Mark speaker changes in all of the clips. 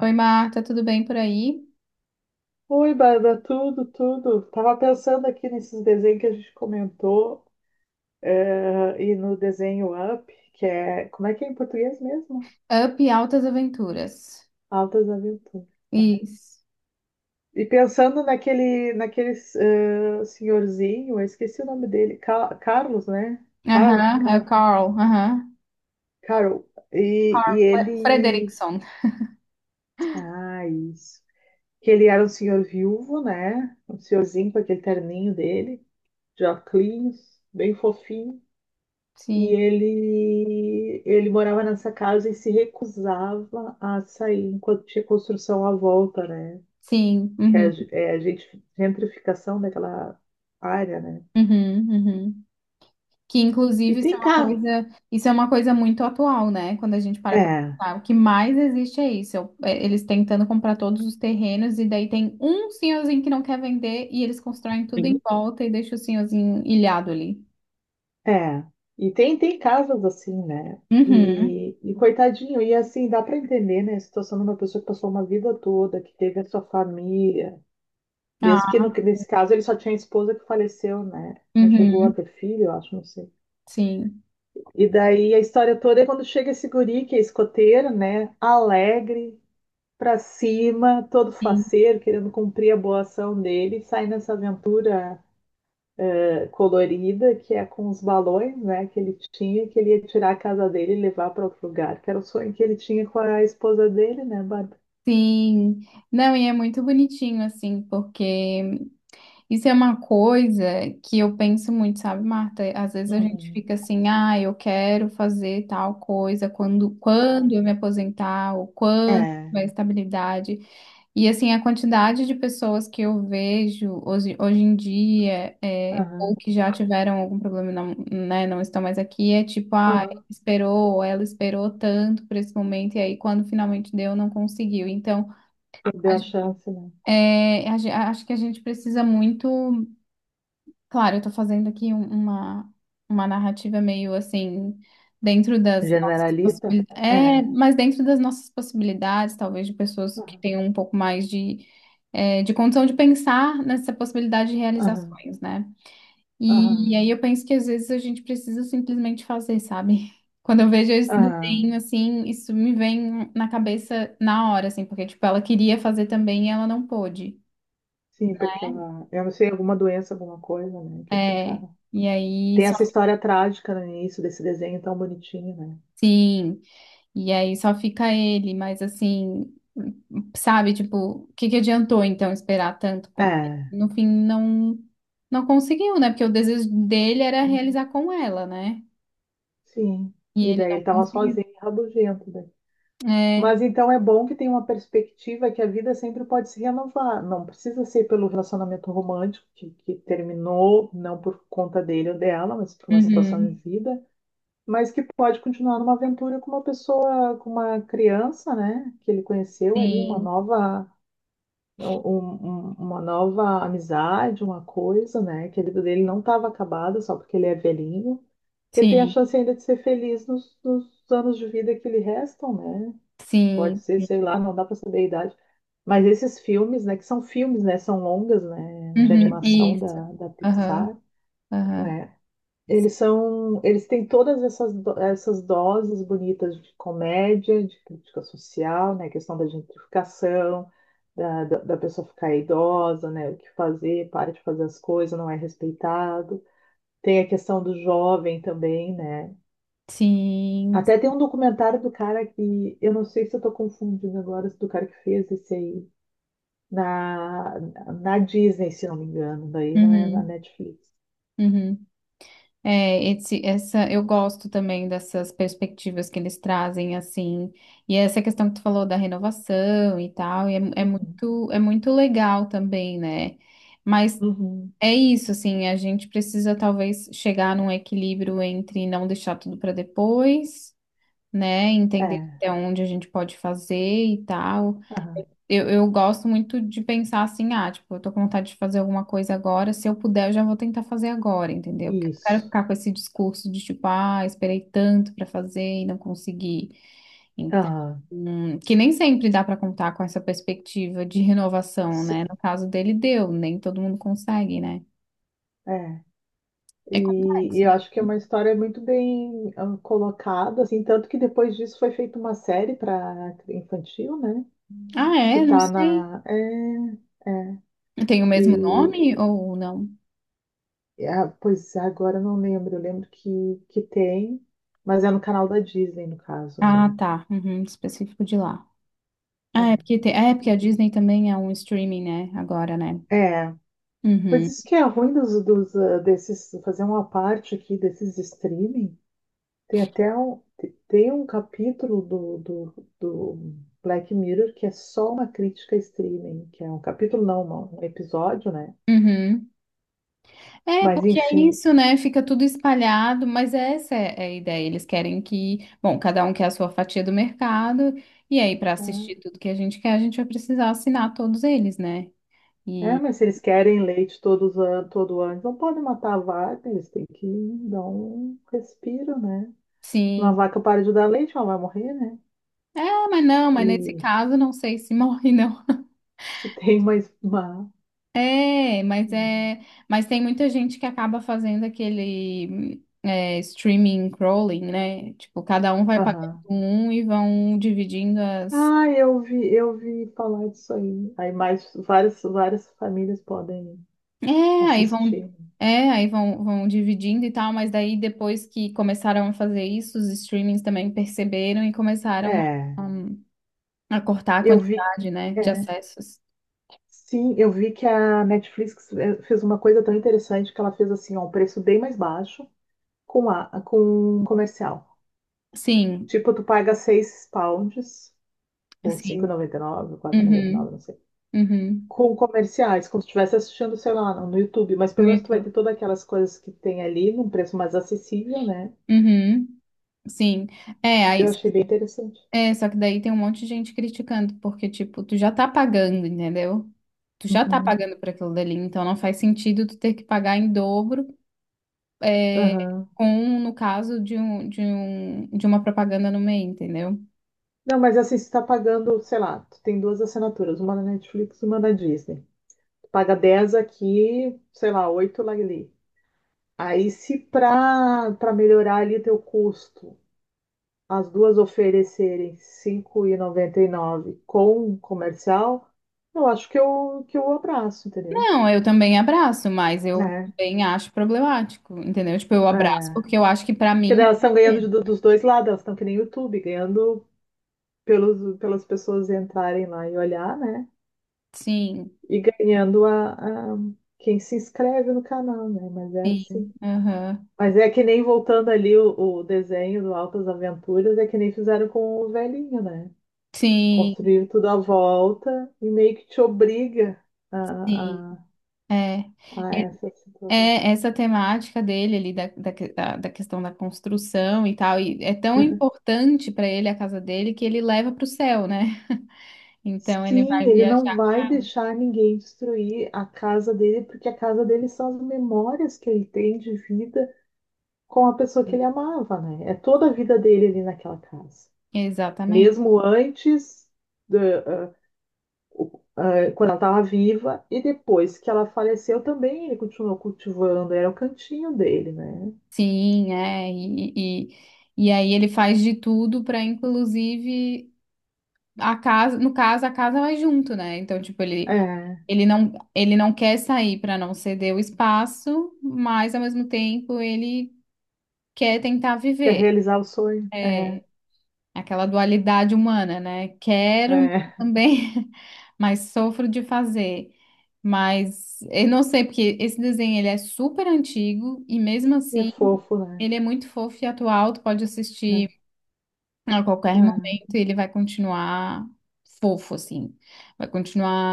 Speaker 1: Oi, Marta, tudo bem por aí?
Speaker 2: Oi, Bárbara, tudo. Tava pensando aqui nesses desenhos que a gente comentou, e no desenho Up, que é, como é que é em português mesmo?
Speaker 1: Up Altas Aventuras.
Speaker 2: Altas Aventuras. Né?
Speaker 1: Isso.
Speaker 2: E pensando naquele senhorzinho, eu esqueci o nome dele, Carlos, né?
Speaker 1: Aham, é o Carl. Aham.
Speaker 2: Carol. E
Speaker 1: Carl
Speaker 2: ele,
Speaker 1: Frederickson.
Speaker 2: ah, isso. Que ele era um senhor viúvo, né? Um senhorzinho com aquele terninho dele, de óculos, bem fofinho.
Speaker 1: Sim,
Speaker 2: E ele morava nessa casa e se recusava a sair enquanto tinha construção à volta, né?
Speaker 1: sim.
Speaker 2: Que é,
Speaker 1: Uhum,
Speaker 2: é a gente, gentrificação daquela área, né?
Speaker 1: uhum. Que
Speaker 2: E
Speaker 1: inclusive isso é
Speaker 2: tem
Speaker 1: uma
Speaker 2: casa.
Speaker 1: coisa, isso é uma coisa muito atual, né? Quando a gente para pra
Speaker 2: É,
Speaker 1: pensar, o que mais existe é isso. Eles tentando comprar todos os terrenos e daí tem um senhorzinho que não quer vender e eles constroem tudo em volta e deixam o senhorzinho ilhado ali.
Speaker 2: é. E tem casas assim, né?
Speaker 1: Uhum.
Speaker 2: E coitadinho, e assim, dá para entender, né? A situação de uma pessoa que passou uma vida toda, que teve a sua família. Mesmo que
Speaker 1: Ah,
Speaker 2: no, nesse caso ele só tinha a esposa que faleceu, né? Não chegou a
Speaker 1: uhum.
Speaker 2: ter filho, eu acho, não sei.
Speaker 1: Sim.
Speaker 2: E daí a história toda é quando chega esse guri, que é escoteiro, né? Alegre, pra cima, todo
Speaker 1: Sim.
Speaker 2: faceiro, querendo cumprir a boa ação dele, sai nessa aventura colorida, que é com os balões, né? Que ele tinha, que ele ia tirar a casa dele e levar para outro lugar, que era o sonho que ele tinha com a esposa dele, né, Bárbara?
Speaker 1: Sim, não, e é muito bonitinho, assim, porque isso é uma coisa que eu penso muito, sabe, Marta? Às vezes a gente
Speaker 2: Uhum.
Speaker 1: fica assim, ah, eu quero fazer tal coisa
Speaker 2: Ah,
Speaker 1: quando eu me aposentar, ou quando
Speaker 2: é,
Speaker 1: tiver estabilidade. E, assim, a quantidade de pessoas que eu vejo hoje, hoje em dia, é,
Speaker 2: aham,
Speaker 1: ou que já tiveram algum problema, e não, né, não estão mais aqui, é tipo, ah,
Speaker 2: aham,
Speaker 1: esperou, ela esperou tanto por esse momento, e aí quando finalmente deu, não conseguiu. Então,
Speaker 2: perdeu
Speaker 1: a
Speaker 2: a
Speaker 1: gen-
Speaker 2: chance, né?
Speaker 1: é, a gen- acho que a gente precisa muito. Claro, eu estou fazendo aqui uma narrativa meio assim, dentro das nossas
Speaker 2: Generalista?
Speaker 1: possibilidades. É,
Speaker 2: É,
Speaker 1: mas dentro das nossas possibilidades, talvez de pessoas que
Speaker 2: aham,
Speaker 1: tenham um pouco mais de, é, de condição de pensar nessa possibilidade de
Speaker 2: aham,
Speaker 1: realizações, né?
Speaker 2: aham,
Speaker 1: E, aí eu penso que às vezes a gente precisa simplesmente fazer, sabe? Quando eu vejo esse
Speaker 2: aham.
Speaker 1: desenho assim, isso me vem na cabeça na hora, assim, porque tipo, ela queria fazer também e ela não pôde.
Speaker 2: Sim, porque ela, eu não sei, alguma doença, alguma coisa, né, que eles
Speaker 1: É,
Speaker 2: ficaram.
Speaker 1: e aí
Speaker 2: Tem
Speaker 1: só,
Speaker 2: essa história trágica no início desse desenho tão bonitinho, né?
Speaker 1: sim, e aí só fica ele, mas assim, sabe, tipo, o que que adiantou então esperar tanto? Porque
Speaker 2: É.
Speaker 1: no fim não conseguiu, né? Porque o desejo dele era
Speaker 2: É,
Speaker 1: realizar com ela, né?
Speaker 2: sim.
Speaker 1: E
Speaker 2: E
Speaker 1: ele
Speaker 2: daí
Speaker 1: não
Speaker 2: ele tava
Speaker 1: conseguiu.
Speaker 2: sozinho, rabugento, né?
Speaker 1: É,
Speaker 2: Mas então é bom que tem uma perspectiva que a vida sempre pode se renovar. Não precisa ser pelo relacionamento romântico que terminou, não por conta dele ou dela, mas por uma situação de
Speaker 1: uhum,
Speaker 2: vida, mas que pode continuar numa aventura com uma pessoa, com uma criança, né? Que ele conheceu ali, uma
Speaker 1: sim,
Speaker 2: nova um- uma nova amizade, uma coisa, né? Que a vida dele não estava acabada só porque ele é velhinho, que ele tem a
Speaker 1: sim,
Speaker 2: chance ainda de ser feliz nos anos de vida que lhe restam, né? Pode
Speaker 1: sim,
Speaker 2: ser, sei lá, não dá para saber a idade. Mas esses filmes, né, que são filmes, né, são longas, né, de
Speaker 1: uhum,
Speaker 2: animação
Speaker 1: isso,
Speaker 2: da
Speaker 1: aham,
Speaker 2: Pixar,
Speaker 1: aham,
Speaker 2: né, eles têm todas essas, essas doses bonitas de comédia, de crítica social, né? A questão da gentrificação, da pessoa ficar idosa, né? O que fazer, para de fazer as coisas, não é respeitado. Tem a questão do jovem também, né?
Speaker 1: sim,
Speaker 2: Até tem um documentário do cara que, eu não sei se eu tô confundindo agora, do cara que fez esse aí, na, na Disney, se não me engano, daí não é na
Speaker 1: uhum,
Speaker 2: Netflix.
Speaker 1: uhum. É, esse, essa, eu gosto também dessas perspectivas que eles trazem, assim, e essa questão que tu falou da renovação e tal, e é,
Speaker 2: Uhum.
Speaker 1: é muito legal também, né? Mas
Speaker 2: Uhum.
Speaker 1: é isso, assim, a gente precisa talvez chegar num equilíbrio entre não deixar tudo para depois, né? Entender
Speaker 2: É,
Speaker 1: até onde a gente pode fazer e tal.
Speaker 2: aham.
Speaker 1: Eu gosto muito de pensar assim, ah, tipo, eu tô com vontade de fazer alguma coisa agora, se eu puder, eu já vou tentar fazer agora, entendeu? Porque eu não quero
Speaker 2: Isso.
Speaker 1: ficar com esse discurso de tipo, ah, esperei tanto pra fazer e não consegui. Então,
Speaker 2: Aham,
Speaker 1: que nem sempre dá pra contar com essa perspectiva de renovação, né?
Speaker 2: sim,
Speaker 1: No caso dele, deu, nem todo mundo consegue, né?
Speaker 2: é.
Speaker 1: É
Speaker 2: E,
Speaker 1: complexo,
Speaker 2: e eu
Speaker 1: né?
Speaker 2: acho que é uma história muito bem ah, colocada, assim, tanto que depois disso foi feita uma série para infantil, né?
Speaker 1: Ah,
Speaker 2: Que
Speaker 1: é? Não
Speaker 2: tá
Speaker 1: sei.
Speaker 2: na. É, é.
Speaker 1: Tem o mesmo
Speaker 2: E,
Speaker 1: nome ou não?
Speaker 2: ah, pois é, agora eu não lembro, eu lembro que tem, mas é no canal da Disney, no caso, né?
Speaker 1: Ah, tá. Uhum, específico de lá.
Speaker 2: É.
Speaker 1: Ah, é porque, tem- é porque a
Speaker 2: E-
Speaker 1: Disney também é um streaming, né? Agora, né?
Speaker 2: é. Pois
Speaker 1: Uhum,
Speaker 2: isso que é ruim ah, desses, fazer uma parte aqui desses streaming. Tem até tem um capítulo do Black Mirror que é só uma crítica a streaming, que é um capítulo, não, um episódio, né?
Speaker 1: uhum. É,
Speaker 2: Mas
Speaker 1: porque é
Speaker 2: enfim.
Speaker 1: isso, né? Fica tudo espalhado, mas essa é a ideia. Eles querem que, bom, cada um quer a sua fatia do mercado, e aí, para assistir
Speaker 2: Ah,
Speaker 1: tudo que a gente quer, a gente vai precisar assinar todos eles, né?
Speaker 2: é,
Speaker 1: E
Speaker 2: mas se eles querem leite todos an todo ano, não podem matar a vaca, eles têm que dar um respiro, né? Uma
Speaker 1: sim,
Speaker 2: vaca para de dar leite, ela vai morrer, né?
Speaker 1: é, mas não, mas nesse
Speaker 2: E
Speaker 1: caso, não sei se morre, não.
Speaker 2: se tem mais uma.
Speaker 1: É, mas tem muita gente que acaba fazendo aquele é, streaming crawling, né? Tipo, cada um vai pagando
Speaker 2: Aham.
Speaker 1: um e vão dividindo as.
Speaker 2: Ah, eu vi falar disso aí. Aí mais várias famílias podem
Speaker 1: É, aí vão,
Speaker 2: assistir.
Speaker 1: vão dividindo e tal, mas daí depois que começaram a fazer isso, os streamings também perceberam e começaram
Speaker 2: É,
Speaker 1: a cortar a
Speaker 2: eu vi.
Speaker 1: quantidade, né, de
Speaker 2: É,
Speaker 1: acessos.
Speaker 2: sim, eu vi que a Netflix fez uma coisa tão interessante que ela fez assim, ó, um preço bem mais baixo com a com um comercial.
Speaker 1: Sim,
Speaker 2: Tipo, tu paga 6 pounds ou cinco
Speaker 1: sim.
Speaker 2: noventa noventa e nove, ou 4,99,
Speaker 1: Uhum,
Speaker 2: não sei.
Speaker 1: uhum.
Speaker 2: Com comerciais, como se estivesse assistindo, sei lá, no YouTube, mas pelo
Speaker 1: No
Speaker 2: menos tu vai
Speaker 1: YouTube.
Speaker 2: ter todas aquelas coisas que tem ali num preço mais acessível, né?
Speaker 1: Uhum. Sim. É, aí,
Speaker 2: Eu achei bem interessante.
Speaker 1: é, só que daí tem um monte de gente criticando, porque, tipo, tu já tá pagando, entendeu? Tu já tá
Speaker 2: Uhum.
Speaker 1: pagando por aquilo dali, então não faz sentido tu ter que pagar em dobro
Speaker 2: Aham.
Speaker 1: com no caso de uma propaganda no meio, entendeu?
Speaker 2: Não, mas assim, você tá pagando, sei lá, tu tem duas assinaturas, uma na Netflix e uma na Disney. Tu paga 10 aqui, sei lá, 8 lá ali. Aí, se pra melhorar ali teu custo, as duas oferecerem R$ 5,99 com comercial, eu acho que eu abraço, entendeu?
Speaker 1: Não, eu também abraço, mas eu
Speaker 2: É,
Speaker 1: também acho problemático, entendeu? Tipo, eu
Speaker 2: é.
Speaker 1: abraço porque eu acho que pra
Speaker 2: Porque daí
Speaker 1: mim,
Speaker 2: elas estão ganhando dos dois lados, elas estão que nem YouTube, ganhando pelas pessoas entrarem lá e olhar, né?
Speaker 1: sim,
Speaker 2: E ganhando quem se inscreve no canal, né? Mas é
Speaker 1: sim,
Speaker 2: assim.
Speaker 1: aham,
Speaker 2: Mas é que nem voltando ali o desenho do Altas Aventuras, é que nem fizeram com o velhinho, né?
Speaker 1: sim,
Speaker 2: Construíram tudo à volta e meio que te obriga
Speaker 1: sim.
Speaker 2: a, a,
Speaker 1: É,
Speaker 2: a
Speaker 1: E-
Speaker 2: essa situação.
Speaker 1: é essa temática dele ali da da questão da construção e tal, e é tão importante pra ele a casa dele que ele leva pro céu, né? Então ele
Speaker 2: Sim,
Speaker 1: vai
Speaker 2: ele não
Speaker 1: viajar.
Speaker 2: vai deixar ninguém destruir a casa dele, porque a casa dele são as memórias que ele tem de vida com a pessoa que ele amava, né? É toda a vida dele ali naquela casa.
Speaker 1: Exatamente.
Speaker 2: Mesmo antes, da- ah, ah, quando ela estava viva, e depois que ela faleceu também, ele continuou cultivando, era o cantinho dele, né?
Speaker 1: Sim, é. E aí ele faz de tudo para, inclusive, a casa, no caso, a casa vai junto, né? Então, tipo, ele,
Speaker 2: É,
Speaker 1: ele não quer sair para não ceder o espaço, mas ao mesmo tempo ele quer tentar
Speaker 2: quer
Speaker 1: viver.
Speaker 2: realizar o sonho? É,
Speaker 1: É. Aquela dualidade humana, né? Quero mas
Speaker 2: é,
Speaker 1: também, mas sofro de fazer. Mas eu não sei, porque esse desenho ele é super antigo e mesmo
Speaker 2: e é
Speaker 1: assim
Speaker 2: fofo, né?
Speaker 1: ele é muito fofo e atual. Tu pode
Speaker 2: É,
Speaker 1: assistir a qualquer momento e ele vai continuar fofo, assim. Vai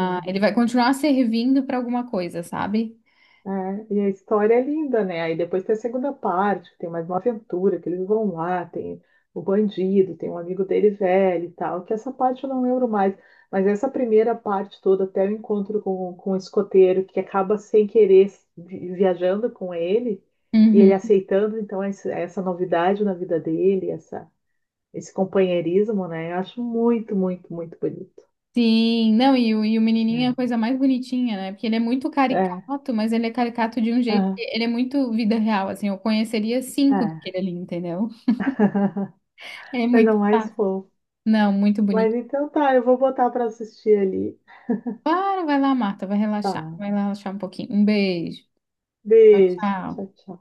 Speaker 2: é, é.
Speaker 1: ele vai continuar servindo para alguma coisa, sabe?
Speaker 2: É, e a história é linda, né? Aí depois tem a segunda parte, que tem mais uma aventura, que eles vão lá, tem o bandido, tem um amigo dele velho e tal, que essa parte eu não lembro mais. Mas essa primeira parte toda, até o encontro com o escoteiro, que acaba sem querer viajando com ele, e ele
Speaker 1: Uhum.
Speaker 2: aceitando, então, essa novidade na vida dele, essa, esse companheirismo, né? Eu acho muito, muito, muito bonito.
Speaker 1: Sim, não, e o menininho é a
Speaker 2: Né?
Speaker 1: coisa mais bonitinha, né? Porque ele é muito
Speaker 2: É,
Speaker 1: caricato, mas ele é caricato de um jeito que
Speaker 2: aham,
Speaker 1: ele é muito vida real, assim. Eu conheceria cinco
Speaker 2: é.
Speaker 1: daquele ali, entendeu? É
Speaker 2: Coisa
Speaker 1: muito
Speaker 2: mais
Speaker 1: fácil.
Speaker 2: fofa.
Speaker 1: Não, muito
Speaker 2: Mas
Speaker 1: bonito.
Speaker 2: então tá, eu vou botar pra assistir ali.
Speaker 1: Para, vai lá, Marta, vai relaxar.
Speaker 2: Tá.
Speaker 1: Vai lá relaxar um pouquinho. Um beijo.
Speaker 2: Beijo,
Speaker 1: Tchau.
Speaker 2: tchau, tchau.